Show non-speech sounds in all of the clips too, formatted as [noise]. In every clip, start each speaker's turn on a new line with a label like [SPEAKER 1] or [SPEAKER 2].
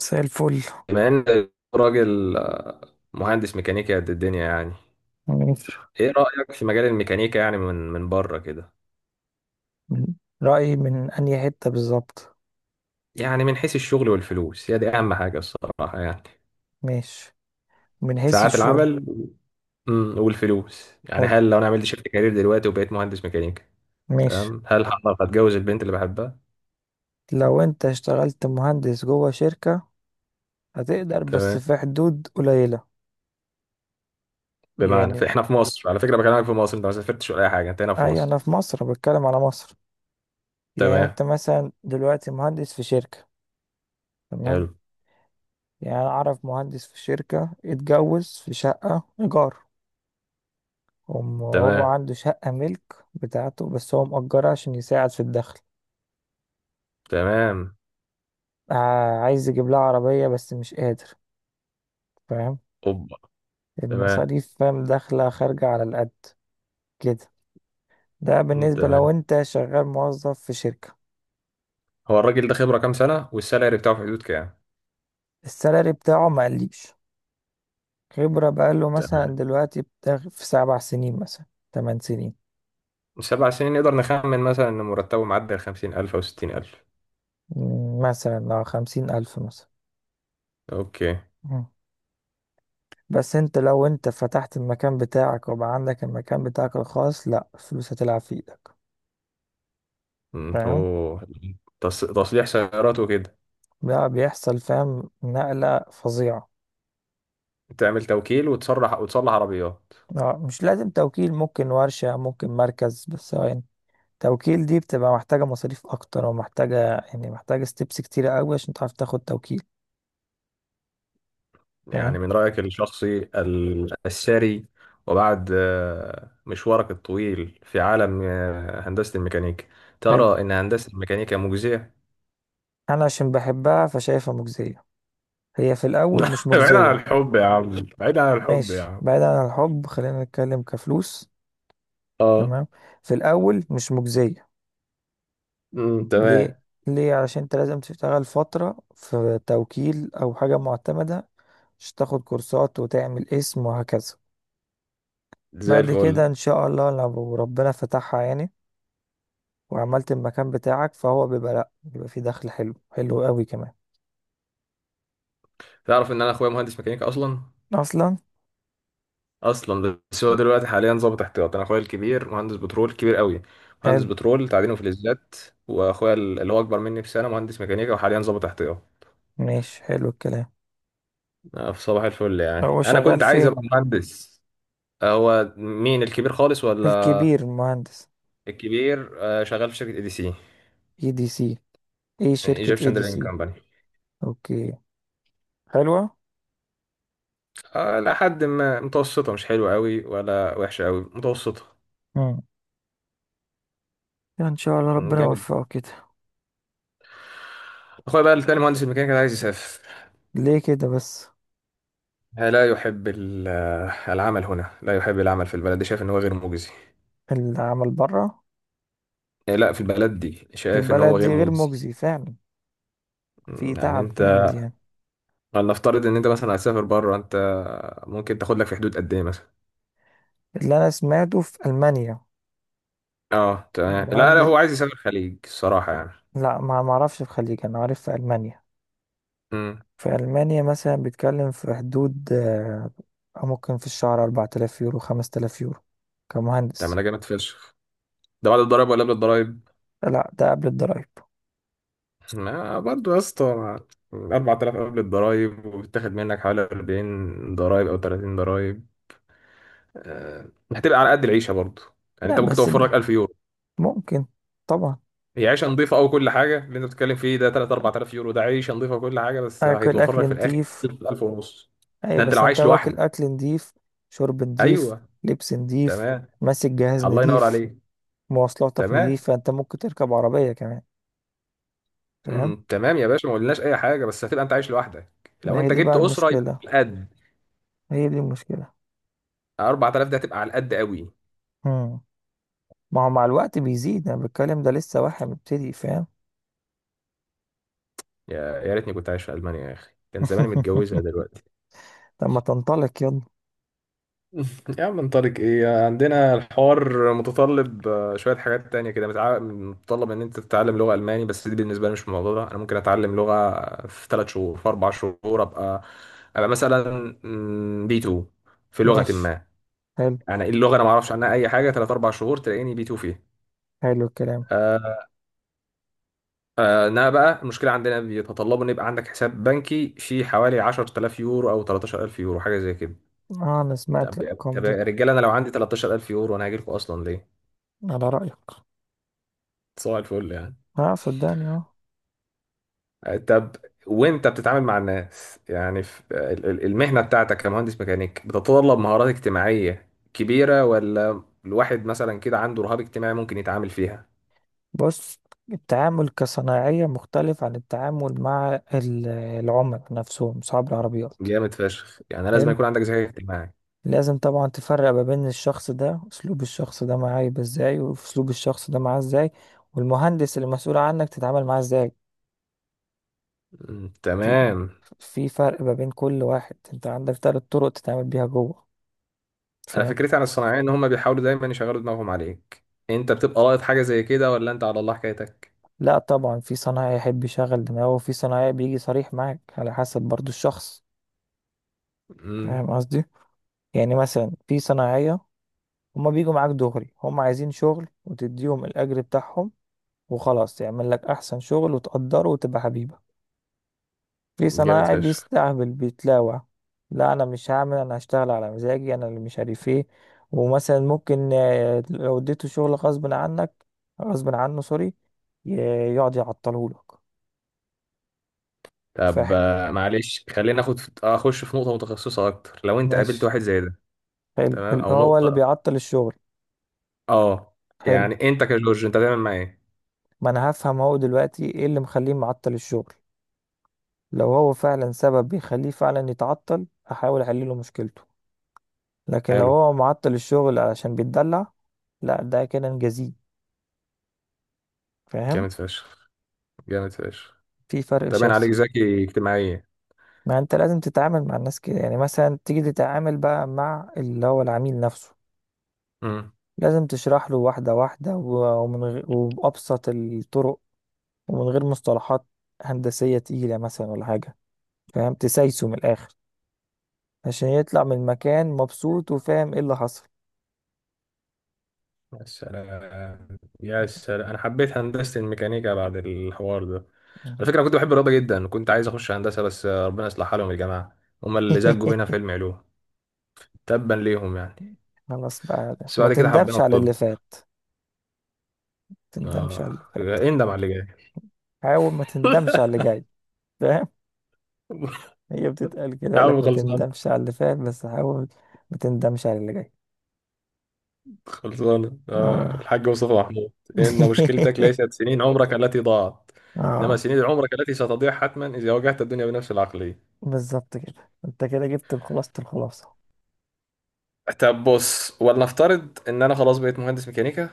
[SPEAKER 1] مساء الفل.
[SPEAKER 2] بما ان راجل مهندس ميكانيكا قد الدنيا يعني
[SPEAKER 1] ماشي.
[SPEAKER 2] ايه رأيك في مجال الميكانيكا يعني من بره كده
[SPEAKER 1] من- رأيي من أنهي حتة بالظبط؟
[SPEAKER 2] يعني من حيث الشغل والفلوس، هي دي اهم حاجة الصراحة يعني
[SPEAKER 1] ماشي، من حيث
[SPEAKER 2] ساعات
[SPEAKER 1] الشغل.
[SPEAKER 2] العمل، والفلوس يعني
[SPEAKER 1] حلو.
[SPEAKER 2] هل لو انا عملت شيفت كارير دلوقتي وبقيت مهندس ميكانيكا؟
[SPEAKER 1] ماشي.
[SPEAKER 2] تمام، هل هعرف اتجوز البنت اللي بحبها؟
[SPEAKER 1] لو أنت اشتغلت مهندس جوه شركة، هتقدر بس
[SPEAKER 2] تمام،
[SPEAKER 1] في حدود قليلة.
[SPEAKER 2] بمعنى
[SPEAKER 1] يعني
[SPEAKER 2] فاحنا في مصر، على فكرة بكلمك في مصر، انت ما سافرتش ولا اي حاجة، انت هنا في
[SPEAKER 1] أي،
[SPEAKER 2] مصر.
[SPEAKER 1] أنا في مصر بتكلم على مصر. يعني
[SPEAKER 2] تمام،
[SPEAKER 1] أنت مثلا دلوقتي مهندس في شركة. تمام.
[SPEAKER 2] حلو،
[SPEAKER 1] يعني أنا أعرف مهندس في شركة اتجوز في شقة إيجار، وهو
[SPEAKER 2] تمام،
[SPEAKER 1] عنده شقة ملك بتاعته، بس هو مأجرها عشان يساعد في الدخل.
[SPEAKER 2] تمام،
[SPEAKER 1] عايز يجيب لها عربية بس مش قادر. فاهم؟
[SPEAKER 2] اوبا، تمام،
[SPEAKER 1] المصاريف، فاهم، داخلة خارجة على القد كده. ده
[SPEAKER 2] مم،
[SPEAKER 1] بالنسبة لو
[SPEAKER 2] تمام.
[SPEAKER 1] انت شغال موظف في شركة.
[SPEAKER 2] هو الراجل ده خبرة كام سنة والسالري بتاعه في حدود كام؟
[SPEAKER 1] السالري بتاعه ما قليش. خبرة بقاله مثلا
[SPEAKER 2] تمام،
[SPEAKER 1] دلوقتي بتاع في 7 سنين مثلا، 8 سنين.
[SPEAKER 2] 7 سنين نقدر نخمن مثلا إن مرتبه معدي الخمسين ألف أو ستين ألف.
[SPEAKER 1] مثلا لو 50 ألف مثلا.
[SPEAKER 2] أوكي.
[SPEAKER 1] مم. بس انت لو انت فتحت المكان بتاعك وبقى عندك المكان بتاعك الخاص، لا، فلوس هتلعب في ايدك. فاهم؟
[SPEAKER 2] هو تصليح سيارات وكده،
[SPEAKER 1] بقى بيحصل، فاهم، نقلة فظيعة.
[SPEAKER 2] تعمل توكيل وتصلح عربيات.
[SPEAKER 1] اه، مش لازم توكيل، ممكن ورشة، ممكن مركز، بس هو يعني توكيل دي بتبقى محتاجة مصاريف أكتر ومحتاجة يعني محتاجة ستيبس كتيرة أوي عشان تعرف تاخد توكيل. فاهم.
[SPEAKER 2] يعني من رأيك الشخصي الساري وبعد مشوارك الطويل في عالم هندسة الميكانيكا،
[SPEAKER 1] حلو.
[SPEAKER 2] ترى إن هندسة الميكانيكا مجزية؟
[SPEAKER 1] أنا عشان بحبها فشايفها مجزية. هي في الأول مش
[SPEAKER 2] [laughs] بعيدا عن
[SPEAKER 1] مجزية.
[SPEAKER 2] الحب يا عم، بعيدا عن الحب يا
[SPEAKER 1] ماشي،
[SPEAKER 2] عم.
[SPEAKER 1] بعيدا عن الحب، خلينا نتكلم كفلوس.
[SPEAKER 2] اه،
[SPEAKER 1] تمام. في الأول مش مجزية. ليه؟
[SPEAKER 2] تمام.
[SPEAKER 1] ليه؟ علشان أنت لازم تشتغل فترة في توكيل أو حاجة معتمدة عشان تاخد كورسات وتعمل اسم وهكذا.
[SPEAKER 2] زي
[SPEAKER 1] بعد
[SPEAKER 2] الفل.
[SPEAKER 1] كده ان شاء الله لو ربنا فتحها يعني، وعملت المكان بتاعك، فهو بيبقى، لا بيبقى فيه دخل حلو، حلو قوي كمان.
[SPEAKER 2] تعرف ان انا اخويا مهندس ميكانيكا اصلا؟
[SPEAKER 1] اصلا.
[SPEAKER 2] اصلا، بس هو دلوقتي حاليا ظابط احتياط، انا اخويا الكبير مهندس بترول كبير قوي، مهندس
[SPEAKER 1] حلو.
[SPEAKER 2] بترول تعدين وفلزات. واخويا اللي هو اكبر مني بسنه مهندس ميكانيكا وحاليا ظابط احتياط.
[SPEAKER 1] ماشي، حلو الكلام.
[SPEAKER 2] في صباح الفل يعني
[SPEAKER 1] هو
[SPEAKER 2] انا
[SPEAKER 1] شغال
[SPEAKER 2] كنت عايز
[SPEAKER 1] فين؟
[SPEAKER 2] ابقى مهندس. هو مين الكبير خالص ولا؟
[SPEAKER 1] الكبير مهندس.
[SPEAKER 2] الكبير شغال في شركه اي دي سي،
[SPEAKER 1] اي دي سي؟ ايه شركة اي
[SPEAKER 2] ايجيبشن
[SPEAKER 1] دي
[SPEAKER 2] درينج
[SPEAKER 1] سي؟
[SPEAKER 2] كمباني.
[SPEAKER 1] اوكي. حلوة.
[SPEAKER 2] لحد ما متوسطه، مش حلوه قوي ولا وحشه قوي، متوسطه.
[SPEAKER 1] امم. ان شاء الله
[SPEAKER 2] مم،
[SPEAKER 1] ربنا
[SPEAKER 2] جامد.
[SPEAKER 1] يوفقه كده.
[SPEAKER 2] اخويا بقى التاني مهندس الميكانيكا ده عايز يسافر،
[SPEAKER 1] ليه كده بس؟
[SPEAKER 2] لا يحب العمل هنا، لا يحب العمل في البلد دي، شايف ان هو غير مجزي.
[SPEAKER 1] العمل بره؟
[SPEAKER 2] إيه، لا في البلد دي
[SPEAKER 1] في
[SPEAKER 2] شايف ان هو
[SPEAKER 1] البلد
[SPEAKER 2] غير
[SPEAKER 1] دي غير
[SPEAKER 2] مجزي.
[SPEAKER 1] مجزي فعلا. في
[SPEAKER 2] يعني
[SPEAKER 1] تعب جامد
[SPEAKER 2] انت،
[SPEAKER 1] يعني.
[SPEAKER 2] نفترض ان انت مثلا هتسافر بره، انت ممكن تاخد لك في حدود قد ايه مثلا؟
[SPEAKER 1] اللي انا سمعته في المانيا.
[SPEAKER 2] اه تمام، لا لا،
[SPEAKER 1] المهندس.
[SPEAKER 2] هو عايز يسافر الخليج الصراحه يعني.
[SPEAKER 1] لا، ما اعرفش في الخليج، انا عارف في المانيا.
[SPEAKER 2] امم
[SPEAKER 1] في المانيا مثلا بيتكلم في حدود ممكن في الشهر 4000 يورو، 5000 يورو،
[SPEAKER 2] طب ما
[SPEAKER 1] كمهندس.
[SPEAKER 2] ده جامد فشخ، ده بعد الضرايب ولا قبل الضرايب؟
[SPEAKER 1] لا، ده قبل الضرايب.
[SPEAKER 2] ما برضه يا اسطى، 4000 قبل الضرايب وبتاخد منك حوالي 40 ضرايب او 30 ضرايب، آه، هتبقى على قد العيشه برضه. يعني
[SPEAKER 1] لا
[SPEAKER 2] انت ممكن
[SPEAKER 1] بس
[SPEAKER 2] توفر لك 1000 يورو،
[SPEAKER 1] ممكن. طبعا.
[SPEAKER 2] هي عيشه نظيفه او كل حاجه، اللي انت بتتكلم فيه ده 3 4000 يورو، ده عيشه نظيفه وكل حاجه، بس
[SPEAKER 1] اكل،
[SPEAKER 2] هيتوفر
[SPEAKER 1] اكل
[SPEAKER 2] لك في الاخر
[SPEAKER 1] نضيف.
[SPEAKER 2] 1000 ونص،
[SPEAKER 1] اي،
[SPEAKER 2] ده انت
[SPEAKER 1] بس
[SPEAKER 2] لو
[SPEAKER 1] انت
[SPEAKER 2] عايش
[SPEAKER 1] واكل،
[SPEAKER 2] لوحدك.
[SPEAKER 1] اكل نضيف. شرب نضيف.
[SPEAKER 2] ايوه،
[SPEAKER 1] لبس نضيف.
[SPEAKER 2] تمام،
[SPEAKER 1] ماسك جهاز
[SPEAKER 2] الله ينور
[SPEAKER 1] نضيف.
[SPEAKER 2] عليك،
[SPEAKER 1] مواصلاتك
[SPEAKER 2] تمام،
[SPEAKER 1] نضيفة، انت ممكن تركب عربية كمان. فاهم.
[SPEAKER 2] مم، تمام يا باشا، ما قلناش اي حاجه، بس هتبقى انت عايش لوحدك،
[SPEAKER 1] ما
[SPEAKER 2] لو
[SPEAKER 1] هي
[SPEAKER 2] انت
[SPEAKER 1] دي بقى
[SPEAKER 2] جبت اسره يبقى
[SPEAKER 1] المشكلة.
[SPEAKER 2] على القد.
[SPEAKER 1] هي دي المشكلة.
[SPEAKER 2] 4000 ده هتبقى على القد قوي.
[SPEAKER 1] مم. ما هو مع الوقت بيزيد، انا بتكلم ده لسه واحد مبتدئ. فاهم.
[SPEAKER 2] يا ريتني كنت عايش في المانيا يا اخي، كان زماني متجوزها
[SPEAKER 1] [laughs]
[SPEAKER 2] دلوقتي.
[SPEAKER 1] طب ما تنطلق يلا.
[SPEAKER 2] [laughs] يا عم من طارق، ايه، عندنا الحوار متطلب شوية حاجات تانية كده، متطلب ان انت تتعلم لغة الماني، بس دي بالنسبة لي مش الموضوع، ده انا ممكن اتعلم لغة في 3 شهور، في 4 شهور ابقى مثلا بي 2 في لغة
[SPEAKER 1] ماشي.
[SPEAKER 2] ما.
[SPEAKER 1] حلو.
[SPEAKER 2] يعني إيه، اللغة انا ما اعرفش عنها اي حاجة، ثلاث اربع شهور تلاقيني بي 2 فيها.
[SPEAKER 1] حلو الكلام.
[SPEAKER 2] آه، انما بقى المشكلة، عندنا بيتطلبوا ان يبقى عندك حساب بنكي فيه حوالي 10,000 يورو او 13,000 يورو حاجة زي كده.
[SPEAKER 1] اه، انا سمعت
[SPEAKER 2] طب
[SPEAKER 1] الارقام
[SPEAKER 2] طب
[SPEAKER 1] دي.
[SPEAKER 2] يا رجاله، انا لو عندي 13,000 يورو انا هاجي لكم اصلا ليه؟
[SPEAKER 1] على رأيك.
[SPEAKER 2] صباح الفل يعني.
[SPEAKER 1] اه صدقني، اه.
[SPEAKER 2] طب، وانت بتتعامل مع الناس يعني في المهنة بتاعتك كمهندس ميكانيك، بتتطلب مهارات اجتماعية كبيرة ولا الواحد مثلا كده عنده رهاب اجتماعي ممكن يتعامل فيها؟
[SPEAKER 1] بص، التعامل كصناعية مختلف عن التعامل مع العملاء نفسهم، صحاب العربيات.
[SPEAKER 2] جامد فشخ، يعني لازم
[SPEAKER 1] حلو.
[SPEAKER 2] يكون عندك ذكاء اجتماعي.
[SPEAKER 1] لازم طبعا تفرق ما بين الشخص ده، اسلوب الشخص ده معاه يبقى ازاي، واسلوب الشخص ده معاه ازاي، والمهندس اللي مسؤول عنك تتعامل معاه ازاي.
[SPEAKER 2] مم،
[SPEAKER 1] في
[SPEAKER 2] تمام.
[SPEAKER 1] في فرق ما بين كل واحد. انت عندك 3 طرق تتعامل بيها جوه.
[SPEAKER 2] انا
[SPEAKER 1] فاهم.
[SPEAKER 2] فكرتي عن الصناعية ان هم بيحاولوا دايما يشغلوا دماغهم عليك، انت بتبقى لاقط حاجة زي كده ولا انت على الله حكايتك؟
[SPEAKER 1] لا طبعا، في صنايعي يحب يشغل دماغه، وفي صنايعي بيجي صريح معاك، على حسب برضو الشخص.
[SPEAKER 2] مم،
[SPEAKER 1] فاهم قصدي؟ يعني مثلا في صنايعية هما بيجوا معاك دغري، هما عايزين شغل وتديهم الأجر بتاعهم وخلاص، يعمل لك أحسن شغل وتقدره وتبقى حبيبه. في
[SPEAKER 2] جامد
[SPEAKER 1] صنايعي
[SPEAKER 2] فشخ.
[SPEAKER 1] بيستهبل، بيتلاوع. لا انا مش هعمل، انا هشتغل على مزاجي انا اللي مش عارف ايه. ومثلا ممكن لو اديته شغل غصب عنك، غصب عنه، سوري، ي- يقعد يعطلهولك. ف
[SPEAKER 2] طب معلش، خلينا اخش في نقطة متخصصة اكتر، لو انت قابلت
[SPEAKER 1] ماشي.
[SPEAKER 2] واحد زي ده،
[SPEAKER 1] حلو،
[SPEAKER 2] تمام، او
[SPEAKER 1] هو اللي
[SPEAKER 2] نقطه،
[SPEAKER 1] بيعطل الشغل.
[SPEAKER 2] اه،
[SPEAKER 1] حلو.
[SPEAKER 2] يعني انت كجورج انت هتعمل معاه ايه؟
[SPEAKER 1] ما انا هفهم هو دلوقتي ايه اللي مخليه معطل الشغل. لو هو فعلا سبب بيخليه فعلا يتعطل، احاول احل له مشكلته. لكن لو
[SPEAKER 2] حلو،
[SPEAKER 1] هو معطل الشغل علشان بيتدلع، لا، ده كده نجازيه. فاهم.
[SPEAKER 2] جامد فشخ، جامد فشخ.
[SPEAKER 1] في فرق
[SPEAKER 2] تمام عليك،
[SPEAKER 1] شاسع.
[SPEAKER 2] ذكي اجتماعيا.
[SPEAKER 1] ما انت لازم تتعامل مع الناس كده. يعني مثلا تيجي تتعامل بقى مع اللي هو العميل نفسه،
[SPEAKER 2] امم
[SPEAKER 1] لازم تشرح له واحدة واحدة، ومن غير، وبأبسط الطرق، ومن غير مصطلحات هندسية تقيلة مثلا ولا حاجة. فاهم؟ تسايسه من الآخر عشان يطلع من المكان مبسوط وفاهم ايه اللي حصل.
[SPEAKER 2] يا سلام، يا سلام، انا حبيت هندسه الميكانيكا بعد الحوار ده. على فكره أنا كنت بحب الرياضه جدا، كنت عايز اخش هندسه، بس ربنا يصلح حالهم يا جماعه، هم اللي زجوا بينا في
[SPEAKER 1] [laughs]
[SPEAKER 2] علم علوم، تبا ليهم يعني.
[SPEAKER 1] خلاص بقى،
[SPEAKER 2] بس
[SPEAKER 1] ما
[SPEAKER 2] بعد كده حبينا
[SPEAKER 1] تندمش على اللي
[SPEAKER 2] الطب.
[SPEAKER 1] فات. ما تندمش على
[SPEAKER 2] اه،
[SPEAKER 1] اللي فات.
[SPEAKER 2] اندم على اللي جاي.
[SPEAKER 1] حاول ما تندمش على
[SPEAKER 2] [laughs]
[SPEAKER 1] اللي جاي. فاهم. هي بتتقال كده،
[SPEAKER 2] يا
[SPEAKER 1] يقول لك
[SPEAKER 2] عم
[SPEAKER 1] ما
[SPEAKER 2] خلصان،
[SPEAKER 1] تندمش على اللي فات، بس حاول ما تندمش على اللي جاي.
[SPEAKER 2] خلصانة.
[SPEAKER 1] اه.
[SPEAKER 2] الحاج مصطفى محمود: إن مشكلتك
[SPEAKER 1] [laughs]
[SPEAKER 2] ليست سنين عمرك التي ضاعت، إنما
[SPEAKER 1] اه.
[SPEAKER 2] سنين عمرك التي ستضيع حتما إذا واجهت الدنيا بنفس العقلية.
[SPEAKER 1] بالظبط كده، انت كده جبت خلاصة الخلاصة.
[SPEAKER 2] طب بص، ولنفترض إن أنا خلاص بقيت مهندس ميكانيكا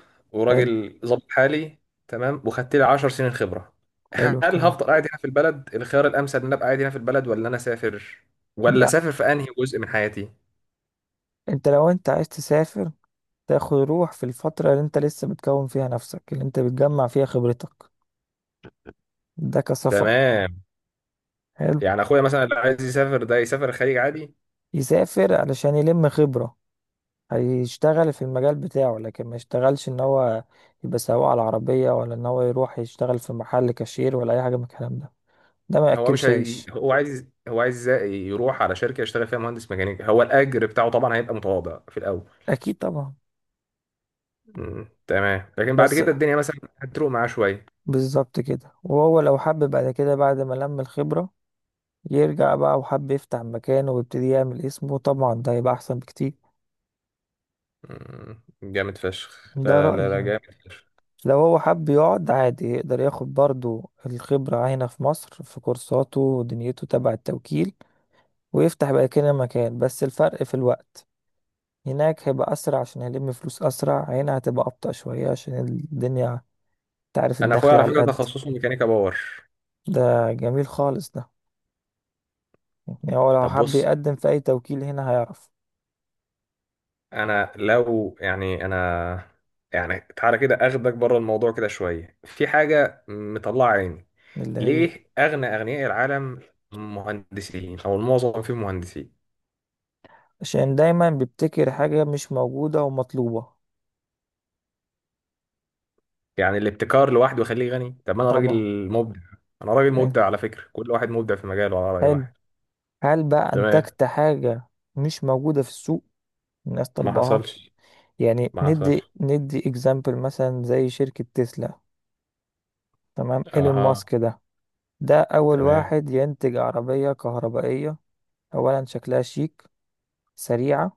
[SPEAKER 1] حلو.
[SPEAKER 2] وراجل ظابط حالي، تمام، وخدت لي 10 سنين خبرة،
[SPEAKER 1] حلو
[SPEAKER 2] هل
[SPEAKER 1] الكلام.
[SPEAKER 2] هفضل قاعد هنا في البلد؟ الخيار الأمثل إن أنا أبقى قاعد هنا في البلد ولا أنا أسافر؟ ولا أسافر
[SPEAKER 1] لا،
[SPEAKER 2] في أنهي جزء من حياتي؟
[SPEAKER 1] انت لو انت عايز تسافر، تاخد روح في الفترة اللي انت لسه بتكون فيها نفسك، اللي انت بتجمع فيها خبرتك. ده كسفر.
[SPEAKER 2] تمام،
[SPEAKER 1] حلو.
[SPEAKER 2] يعني أخويا مثلا اللي عايز يسافر ده يسافر الخليج عادي.
[SPEAKER 1] يسافر علشان يلم خبرة. هيشتغل في المجال بتاعه، لكن ما يشتغلش ان هو يبقى سواق على العربية، ولا ان هو يروح يشتغل في محل كاشير ولا اي حاجة من الكلام ده. ده ما
[SPEAKER 2] هو مش
[SPEAKER 1] ياكلش
[SPEAKER 2] عايز،
[SPEAKER 1] عيش.
[SPEAKER 2] هو عايز يروح على شركه يشتغل فيها مهندس ميكانيكي، هو الاجر بتاعه طبعا هيبقى متواضع في الاول.
[SPEAKER 1] اكيد طبعا.
[SPEAKER 2] مم، تمام. لكن بعد
[SPEAKER 1] بس
[SPEAKER 2] كده الدنيا مثلا هتروق معاه شويه.
[SPEAKER 1] بالظبط كده. وهو لو حب بعد كده، بعد ما لم الخبرة، يرجع بقى وحب يفتح مكانه ويبتدي يعمل اسمه، طبعا ده هيبقى احسن بكتير.
[SPEAKER 2] جامد فشخ،
[SPEAKER 1] ده
[SPEAKER 2] لا لا لا
[SPEAKER 1] رأيي
[SPEAKER 2] لا،
[SPEAKER 1] يعني.
[SPEAKER 2] جامد فشخ.
[SPEAKER 1] لو هو حب يقعد عادي، يقدر ياخد برضو الخبرة هنا في مصر في كورساته ودنيته تبع التوكيل، ويفتح بقى كده مكان، بس الفرق في الوقت. هناك هيبقى أسرع عشان هيلم فلوس أسرع، هنا هتبقى أبطأ شوية عشان الدنيا، تعرف،
[SPEAKER 2] انا اخويا
[SPEAKER 1] الدخل
[SPEAKER 2] على
[SPEAKER 1] على
[SPEAKER 2] فكره
[SPEAKER 1] القد.
[SPEAKER 2] تخصصه ميكانيكا باور.
[SPEAKER 1] ده جميل خالص ده. يعني هو لو
[SPEAKER 2] طب
[SPEAKER 1] حب
[SPEAKER 2] بص،
[SPEAKER 1] يقدم في أي توكيل هنا هيعرف.
[SPEAKER 2] انا لو يعني انا يعني، تعالى كده اخدك بره الموضوع كده شويه، في حاجه مطلعه عيني،
[SPEAKER 1] اللي هي
[SPEAKER 2] ليه اغنى اغنياء العالم مهندسين او المعظم فيهم مهندسين؟
[SPEAKER 1] عشان دايما بيبتكر حاجة مش موجودة ومطلوبة.
[SPEAKER 2] يعني الابتكار لوحده يخليه غني؟ طب ما انا
[SPEAKER 1] طبعا.
[SPEAKER 2] راجل مبدع، انا راجل
[SPEAKER 1] حلو.
[SPEAKER 2] مبدع على فكرة، كل واحد مبدع في مجاله على رأي
[SPEAKER 1] حلو.
[SPEAKER 2] واحد.
[SPEAKER 1] هل بقى
[SPEAKER 2] تمام.
[SPEAKER 1] أنتجت حاجة مش موجودة في السوق، الناس
[SPEAKER 2] ما
[SPEAKER 1] طالباها؟
[SPEAKER 2] حصلش.
[SPEAKER 1] يعني
[SPEAKER 2] ما حصلش.
[SPEAKER 1] ندي اكزامبل مثلا زي شركة تسلا. تمام، ايلون
[SPEAKER 2] اها،
[SPEAKER 1] ماسك ده. ده أول
[SPEAKER 2] تمام،
[SPEAKER 1] واحد ينتج عربية كهربائية. أولا شكلها شيك، سريعة،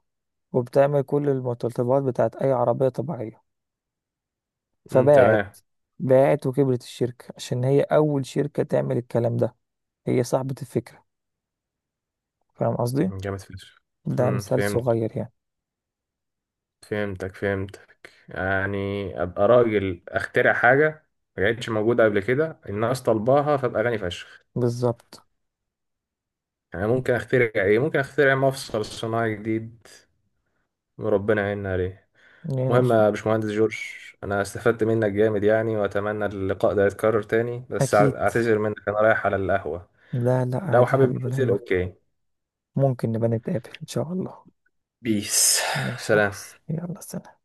[SPEAKER 1] وبتعمل كل المتطلبات بتاعت أي عربية طبيعية،
[SPEAKER 2] امم،
[SPEAKER 1] فباعت.
[SPEAKER 2] تمام،
[SPEAKER 1] باعت وكبرت الشركة عشان هي أول شركة تعمل الكلام ده، هي صاحبة الفكرة. فاهم قصدي؟
[SPEAKER 2] جامد فشخ.
[SPEAKER 1] ده مثال
[SPEAKER 2] فهمت،
[SPEAKER 1] صغير يعني.
[SPEAKER 2] فهمتك، فهمتك يعني ابقى راجل اخترع حاجة ما كانتش موجودة قبل كده الناس طلباها، فابقى غني فشخ.
[SPEAKER 1] بالظبط
[SPEAKER 2] يعني ممكن اخترع ايه؟ ممكن اخترع مفصل صناعي جديد وربنا يعيننا عليه.
[SPEAKER 1] يعني.
[SPEAKER 2] مهم يا باشمهندس جورج، انا استفدت منك جامد يعني، واتمنى اللقاء ده يتكرر تاني، بس
[SPEAKER 1] أكيد.
[SPEAKER 2] اعتذر منك، انا رايح على القهوة،
[SPEAKER 1] لا لا،
[SPEAKER 2] لو
[SPEAKER 1] عادي يا
[SPEAKER 2] حابب
[SPEAKER 1] حبيبي، ولا
[SPEAKER 2] ننزل
[SPEAKER 1] يهمك.
[SPEAKER 2] اوكي.
[SPEAKER 1] ممكن نبقى نتقابل إن شاء الله.
[SPEAKER 2] بيس.
[SPEAKER 1] ماشي يا
[SPEAKER 2] سلام.
[SPEAKER 1] ريس، يلا سلام.